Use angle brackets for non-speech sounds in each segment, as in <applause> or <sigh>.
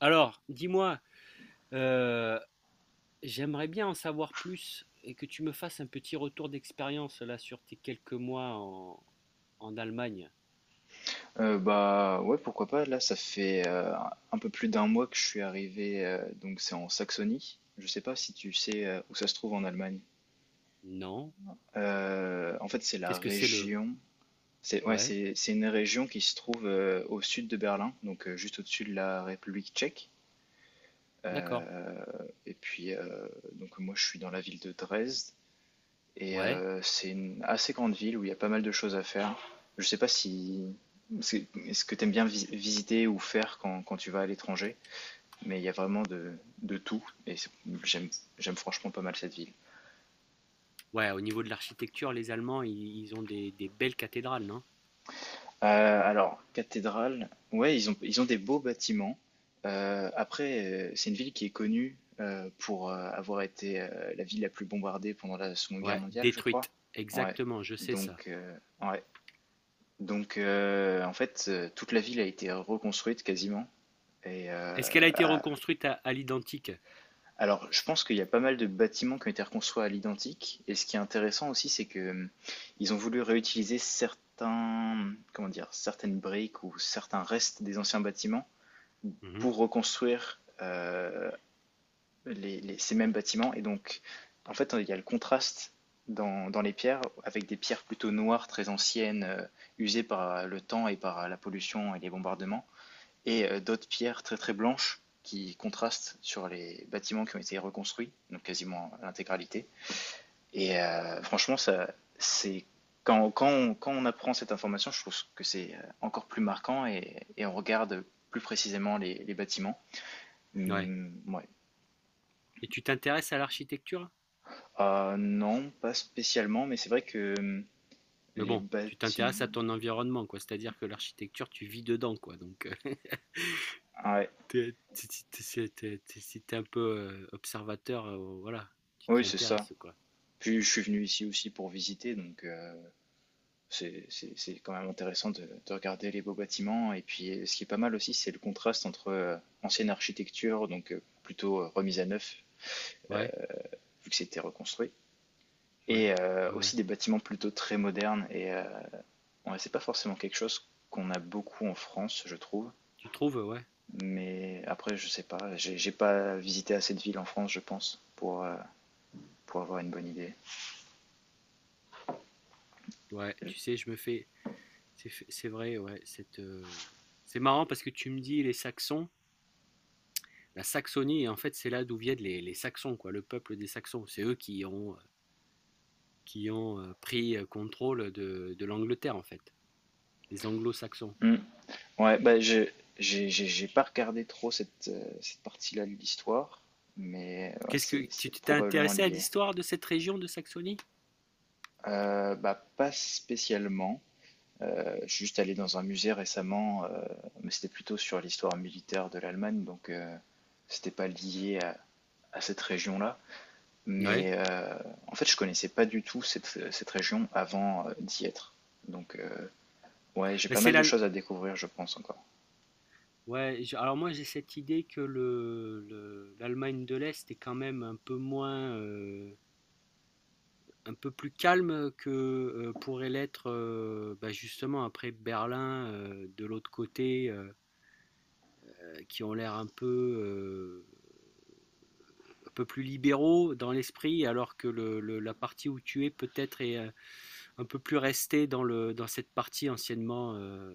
Alors, dis-moi, heu, j'aimerais bien en savoir plus et que tu me fasses un petit retour d'expérience là sur tes quelques mois en Allemagne. Bah ouais, pourquoi pas. Là, ça fait un peu plus d'un mois que je suis arrivé, donc c'est en Saxonie. Je sais pas si tu sais où ça se trouve en Allemagne. Non? En fait, c'est la Qu'est-ce que c'est le... région. C'est ouais, Ouais, c'est une région qui se trouve au sud de Berlin, donc juste au-dessus de la République tchèque. d'accord. Euh, et puis donc moi, je suis dans la ville de Dresde. Et Ouais. C'est une assez grande ville où il y a pas mal de choses à faire. Je sais pas si c'est ce que tu aimes bien visiter ou faire quand tu vas à l'étranger, mais il y a vraiment de tout et j'aime j'aime franchement pas mal cette ville. Ouais, au niveau de l'architecture, les Allemands, i ils ont des belles cathédrales, non? Alors, cathédrale, ouais, ils ont des beaux bâtiments. Après, c'est une ville qui est connue pour avoir été la ville la plus bombardée pendant la Seconde Guerre Ouais, mondiale, je crois. détruite. Ouais, Exactement, je sais ça. donc, euh, ouais. Donc, en fait, toute la ville a été reconstruite quasiment. Et Est-ce qu'elle a été reconstruite à l'identique? alors, je pense qu'il y a pas mal de bâtiments qui ont été reconstruits à l'identique. Et ce qui est intéressant aussi, c'est que ils ont voulu réutiliser certains, comment dire, certaines briques ou certains restes des anciens bâtiments Mhm. pour reconstruire ces mêmes bâtiments. Et donc, en fait, il y a le contraste dans les pierres avec des pierres plutôt noires, très anciennes, usées par le temps et par la pollution et les bombardements. Et d'autres pierres très très blanches qui contrastent sur les bâtiments qui ont été reconstruits, donc quasiment l'intégralité. Et franchement, ça, c'est quand on apprend cette information, je trouve que c'est encore plus marquant et on regarde plus précisément les bâtiments. Ouais. Ouais. Et tu t'intéresses à l'architecture? Non, pas spécialement, mais c'est vrai que Mais les bon, tu t'intéresses à bâtiments. ton environnement, quoi. C'est-à-dire que l'architecture, tu vis dedans, quoi. Donc, <laughs> Ah ouais. T'es t'es- t'es- t'es- Si t'es un peu observateur, voilà, tu Oui, t'y c'est ça. intéresses, quoi. Puis je suis venu ici aussi pour visiter, donc c'est quand même intéressant de regarder les beaux bâtiments. Et puis, ce qui est pas mal aussi, c'est le contraste entre ancienne architecture, donc plutôt remise à neuf, Ouais, vu que c'était reconstruit, ouais, et ouais, ouais. aussi des bâtiments plutôt très modernes. Et ouais, c'est pas forcément quelque chose qu'on a beaucoup en France, je trouve. Tu trouves, ouais. Mais après, je sais pas, j'ai pas visité assez de villes en France, je pense, pour avoir une bonne idée. Ouais, tu sais, je me fais. C'est vrai, ouais. C'est marrant parce que tu me dis les Saxons, la Saxonie, en fait, c'est là d'où viennent les Saxons, quoi, le peuple des Saxons. C'est eux qui ont pris contrôle de l'Angleterre, en fait, les Anglo-Saxons. Hmm. Ouais, bah, j'ai pas regardé trop cette partie-là de l'histoire, mais ouais, Qu'est-ce que c'est, tu c'est t'es probablement intéressé à lié. l'histoire de cette région de Saxonie? Bah, pas spécialement. Je suis juste allé dans un musée récemment, mais c'était plutôt sur l'histoire militaire de l'Allemagne, donc c'était pas lié à cette région-là. Ouais. Mais en fait, je connaissais pas du tout cette région avant d'y être. Donc, ouais, j'ai Bah, pas c'est mal de la, choses à découvrir, je pense encore. Ouais, alors moi j'ai cette idée que l'Allemagne de l'Est est quand même un peu moins, un peu plus calme que pourrait l'être bah, justement après Berlin de l'autre côté, qui ont l'air un peu plus libéraux dans l'esprit, alors que la partie où tu es peut-être est un peu plus restée dans dans cette partie anciennement,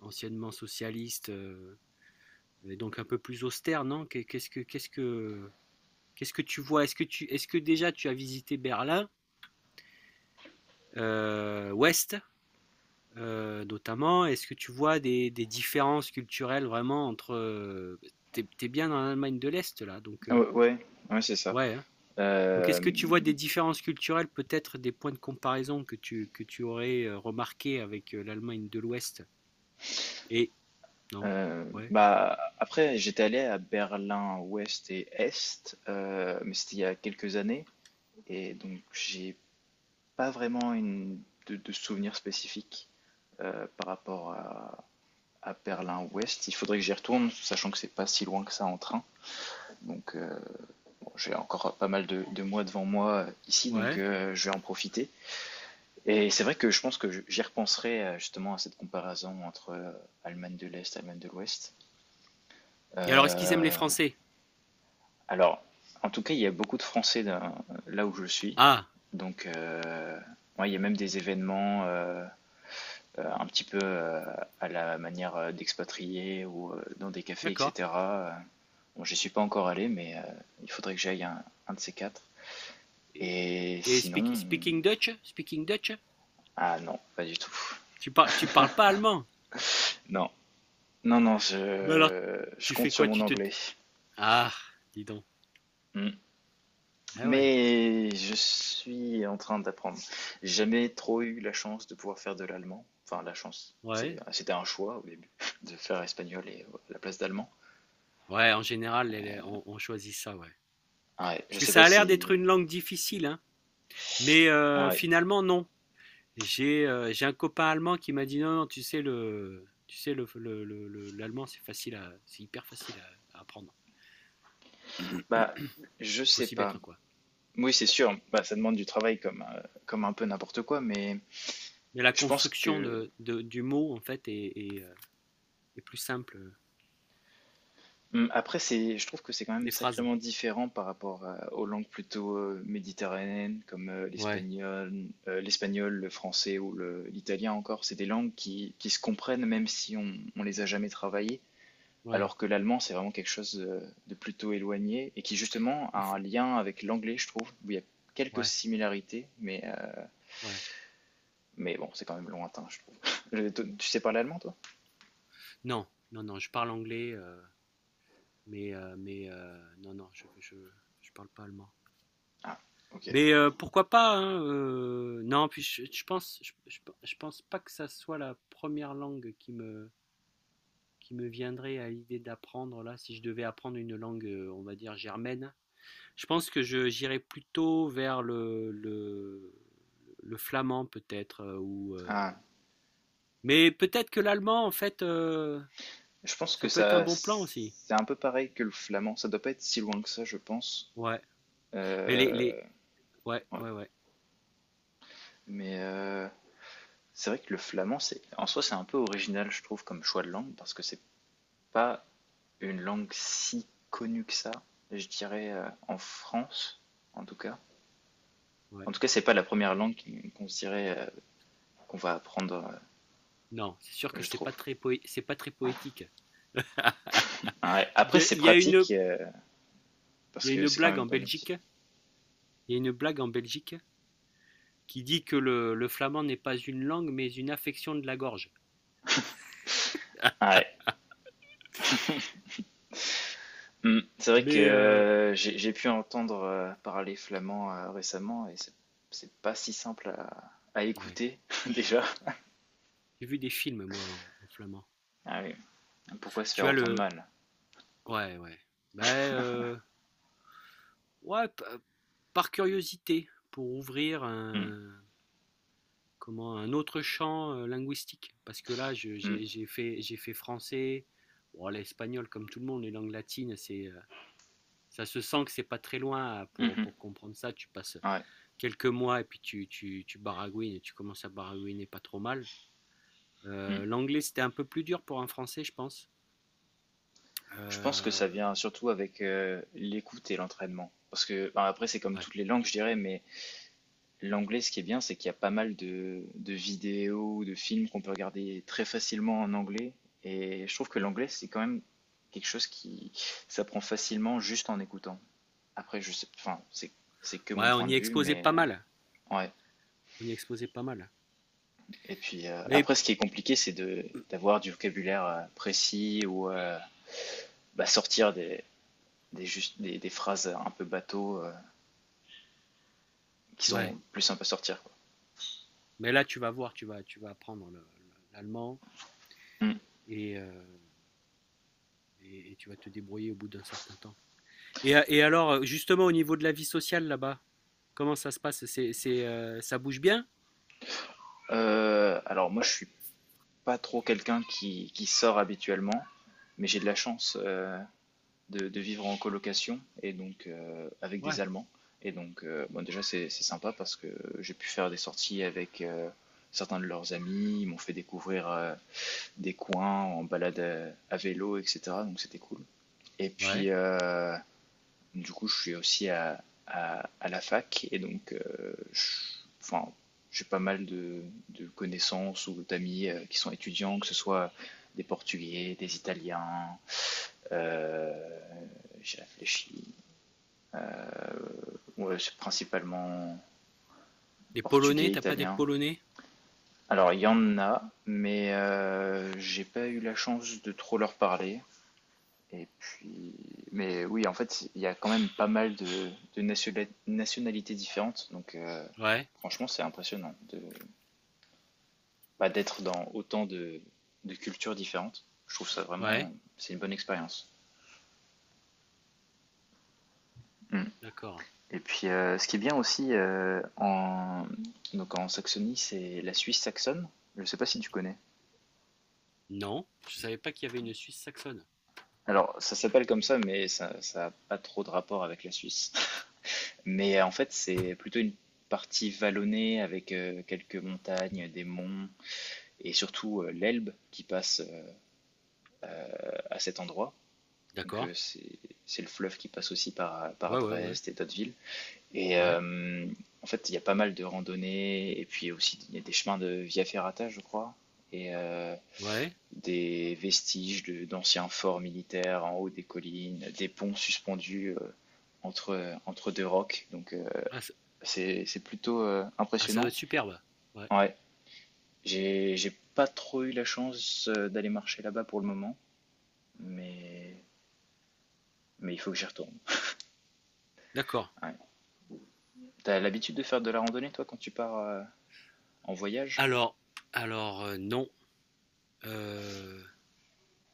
anciennement socialiste. Euh, et donc un peu plus austère, non? Qu'est-ce que tu vois? Est-ce que déjà tu as visité Berlin, Ouest, notamment? Est-ce que tu vois des différences culturelles vraiment entre, t'es bien dans l'Allemagne de l'Est là, donc Ah ouais, ouais, ouais, c'est ça. ouais. Hein. Donc Euh, est-ce que tu vois des différences culturelles, peut-être des points de comparaison que tu aurais remarqué avec l'Allemagne de l'Ouest? Et non, ouais, Bah, après, j'étais allé à Berlin-Ouest et Est, mais c'était il y a quelques années, et donc j'ai pas vraiment de souvenirs spécifiques par rapport à Berlin-Ouest. Il faudrait que j'y retourne, sachant que c'est pas si loin que ça en train. Donc bon, j'ai encore pas mal de mois devant moi ici, donc ouais. Je vais en profiter. Et c'est vrai que je pense que j'y repenserai justement à cette comparaison entre Allemagne de l'Est, et Allemagne de l'Ouest. Et alors est-ce qu'ils aiment les Euh, Français? Alors, en tout cas, il y a beaucoup de Français là où je suis. Ah, Donc, ouais, il y a même des événements un petit peu à la manière d'expatriés ou dans des cafés, d'accord. etc. Bon, j'y suis pas encore allé, mais il faudrait que j'aille un de ces quatre. Et, Et et sinon, speaking Dutch? Speaking Dutch? ah non, pas du tout. Tu parles pas allemand? Non, non, non, Mais alors, je tu compte fais sur quoi? mon Tu te anglais. Ah, dis donc. Hmm. Ah ouais. Mais je suis en train d'apprendre. J'ai jamais trop eu la chance de pouvoir faire de l'allemand. Enfin, la chance. Ouais. C'était un choix au début <laughs> de faire espagnol et à la place d'allemand. Ouais, en général, on choisit ça, ouais. Ah ouais, Parce je que sais pas ça a l'air d'être si. une langue difficile, hein. Mais Ah ouais. finalement, non. J'ai un copain allemand qui m'a dit non, non, tu sais, le, tu sais, l'allemand, c'est facile à, c'est hyper facile à apprendre. Bah, je Faut sais s'y pas. mettre, quoi. Oui, c'est sûr. Bah, ça demande du travail comme, comme un peu n'importe quoi, mais Mais la je pense construction que. Du mot, en fait, est, est plus simple. Euh, Mmh, Après, je trouve que c'est quand même des phrases. sacrément différent par rapport aux langues plutôt méditerranéennes comme Ouais, l'espagnol, le français ou l'italien encore. C'est des langues qui se comprennent même si on les a jamais travaillées, ouais. alors que l'allemand, c'est vraiment quelque chose de plutôt éloigné et qui justement a Il faut. un lien avec l'anglais, je trouve, où il y a quelques Ouais, similarités, ouais. mais bon, c'est quand même lointain, je trouve. <laughs> Tu sais parler allemand, toi? Non, non, non, je parle anglais. Euh, mais, non, je parle pas allemand. Ah, ok. Mais pourquoi pas, hein, non, puis je pense pas que ça soit la première langue qui me viendrait à l'idée d'apprendre là, si je devais apprendre une langue, on va dire germaine. Je pense que j'irais plutôt vers le flamand peut-être, ou, Ah, mais peut-être que l'allemand, en fait, je pense ça que peut être un ça, bon plan aussi. c'est un peu pareil que le flamand. Ça doit pas être si loin que ça, je pense. Ouais, mais Euh, ouais, ouais. ouais, ouais. Mais c'est vrai que le flamand, c'est en soi, c'est un peu original, je trouve, comme choix de langue, parce que c'est pas une langue si connue que ça, je dirais, en France, en tout cas. Ouais. En tout cas, c'est pas la première langue qu'on se dirait qu'on va apprendre, Non, c'est sûr que je c'est pas trouve. très c'est pas très poétique. Ouais. <laughs> Il Après, y a, c'est il y a une, pratique, il parce y a que une c'est quand blague même en pas mal. Belgique. Il y a une blague en Belgique qui dit que le flamand n'est pas une langue, mais une affection de la gorge. Ouais. Mm. C'est vrai que Mais j'ai pu entendre parler flamand récemment et c'est pas si simple à ouais, écouter <laughs> déjà. j'ai vu des films moi en flamand. Ah oui. Pourquoi se Tu faire as autant de le, mal? ouais, ouais, ben ouais, p- Par curiosité pour ouvrir Mm. un, comment, un autre champ linguistique. Parce que là, Mm. J'ai fait français. Bon, l'espagnol, comme tout le monde, les langues latines, c'est ça se sent que c'est pas très loin Mhm. pour comprendre ça. Tu passes Ouais. quelques mois et puis tu baragouines et tu commences à baragouiner pas trop mal. Mm. L'anglais, c'était un peu plus dur pour un français, je pense. Je pense que ça Euh, vient surtout avec l'écoute et l'entraînement. Parce que enfin, après c'est comme ouais. toutes les langues je dirais, mais l'anglais ce qui est bien c'est qu'il y a pas mal de vidéos, de films qu'on peut regarder très facilement en anglais et je trouve que l'anglais c'est quand même quelque chose qui s'apprend facilement juste en écoutant. Après, je sais, enfin, c'est que mon Ouais, point on de y vue, exposait mais pas mal. Ouais. On y exposait pas mal. Et puis Mais après, ce qui est compliqué, c'est de d'avoir du vocabulaire précis ou bah, sortir des, juste, des phrases un peu bateau qui ouais. sont plus sympas à sortir, quoi. Mais là, tu vas voir, tu vas apprendre l'allemand Hmm. et, euh, et tu vas te débrouiller au bout d'un certain temps. Et alors, justement, au niveau de la vie sociale là-bas, comment ça se passe? Ça bouge bien? Alors moi, je suis pas trop quelqu'un qui sort habituellement, mais j'ai de la chance, de vivre en colocation et donc avec des Ouais. Allemands. Et donc, bon, déjà, c'est sympa parce que j'ai pu faire des sorties avec certains de leurs amis. Ils m'ont fait découvrir des coins en balade à vélo, etc. Donc, c'était cool. Et puis, Ouais. Du coup, je suis aussi à la fac et donc, enfin, j'ai pas mal de connaissances ou d'amis qui sont étudiants, que ce soit des Portugais, des Italiens. euh, j'ai réfléchi. Ouais, c'est principalement Des polonais, Portugais, t'as pas des Italien. polonais? Alors, il y en a, mais j'ai pas eu la chance de trop leur parler. Et puis, mais oui, en fait, il y a quand même pas mal de nationalités différentes. Donc, Ouais, franchement, c'est impressionnant bah, d'être dans autant de cultures différentes. Je trouve ça ouais, vraiment, c'est une bonne expérience. Mm. d'accord. Et puis, ce qui est bien aussi donc en Saxonie, c'est la Suisse saxonne. Je ne sais pas si tu connais. Non, je savais pas qu'il y avait une Suisse saxonne. Alors, ça s'appelle comme ça, mais ça n'a pas trop de rapport avec la Suisse. Mais en fait, c'est plutôt une partie vallonnée avec quelques montagnes, des monts et surtout l'Elbe qui passe à cet endroit. Donc D'accord. C'est le fleuve qui passe aussi par Ouais, ouais, ouais, Dresde et d'autres villes. Et ouais, en fait, il y a pas mal de randonnées et puis aussi il y a des chemins de Via Ferrata, je crois, et ouais. des vestiges d'anciens forts militaires en haut des collines, des ponts suspendus entre deux rocs. Donc Ah, ça, c'est plutôt ah, ça doit impressionnant. être superbe. Ouais, Ouais, j'ai pas trop eu la chance d'aller marcher là-bas pour le moment, mais mais il faut que j'y retourne. d'accord. Ouais. T'as l'habitude de faire de la randonnée toi quand tu pars en voyage? Alors, alors, non, euh,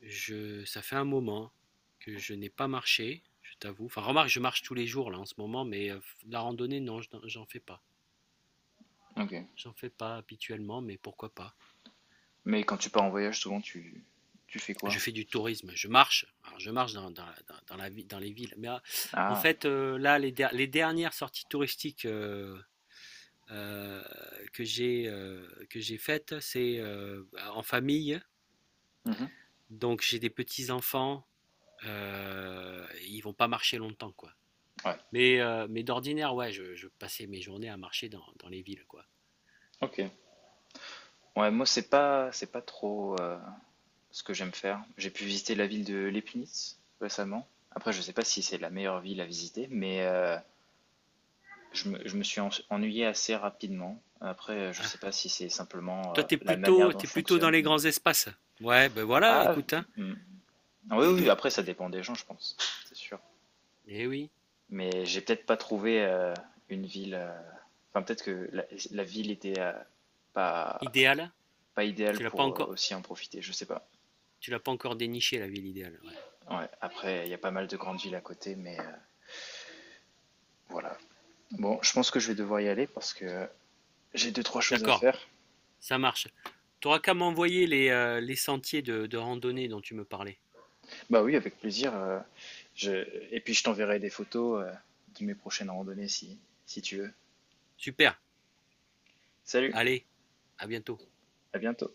ça fait un moment que je n'ai pas marché, je t'avoue. Enfin, remarque, je marche tous les jours là en ce moment, mais la randonnée, non, j'en fais pas. Ok. J'en fais pas habituellement, mais pourquoi pas? Mais quand tu pars en voyage, souvent tu fais quoi? Je fais du tourisme, je marche, alors je marche dans les villes, mais en Ah. fait, là, les dernières sorties touristiques euh, que j'ai faites, c'est en famille, Mhm. donc j'ai des petits-enfants, ils vont pas marcher longtemps, quoi. Ouais. Mais d'ordinaire, ouais, je passais mes journées à marcher dans les villes, quoi. Ok. Ouais, moi c'est pas trop ce que j'aime faire. J'ai pu visiter la ville de Leibniz récemment. Après, je sais pas si c'est la meilleure ville à visiter, mais je me suis ennuyé assez rapidement. Après, je sais Ah, pas si c'est simplement toi, la manière dont t'es je plutôt dans fonctionne, les mais. grands espaces. Ouais, ben voilà, Ah, écoute, hein. hmm. Oui, oui, après, ça dépend des gens, je pense, <laughs> c'est sûr. Eh oui, Mais j'ai peut-être pas trouvé une ville. Enfin, peut-être que la ville était pas, idéal. pas Tu idéale l'as pas pour encore, aussi en profiter, je sais pas. tu l'as pas encore déniché la ville idéale. Ouais. Ouais, après, il y a pas mal de grandes villes à côté, mais voilà. Bon, je pense que je vais devoir y aller parce que j'ai deux, trois choses à D'accord, faire. ça marche. T'auras qu'à m'envoyer les sentiers de randonnée dont tu me parlais. Bah oui, avec plaisir. je... Et puis je t'enverrai des photos de mes prochaines randonnées si tu veux. Super. Salut, Allez, à bientôt. à bientôt.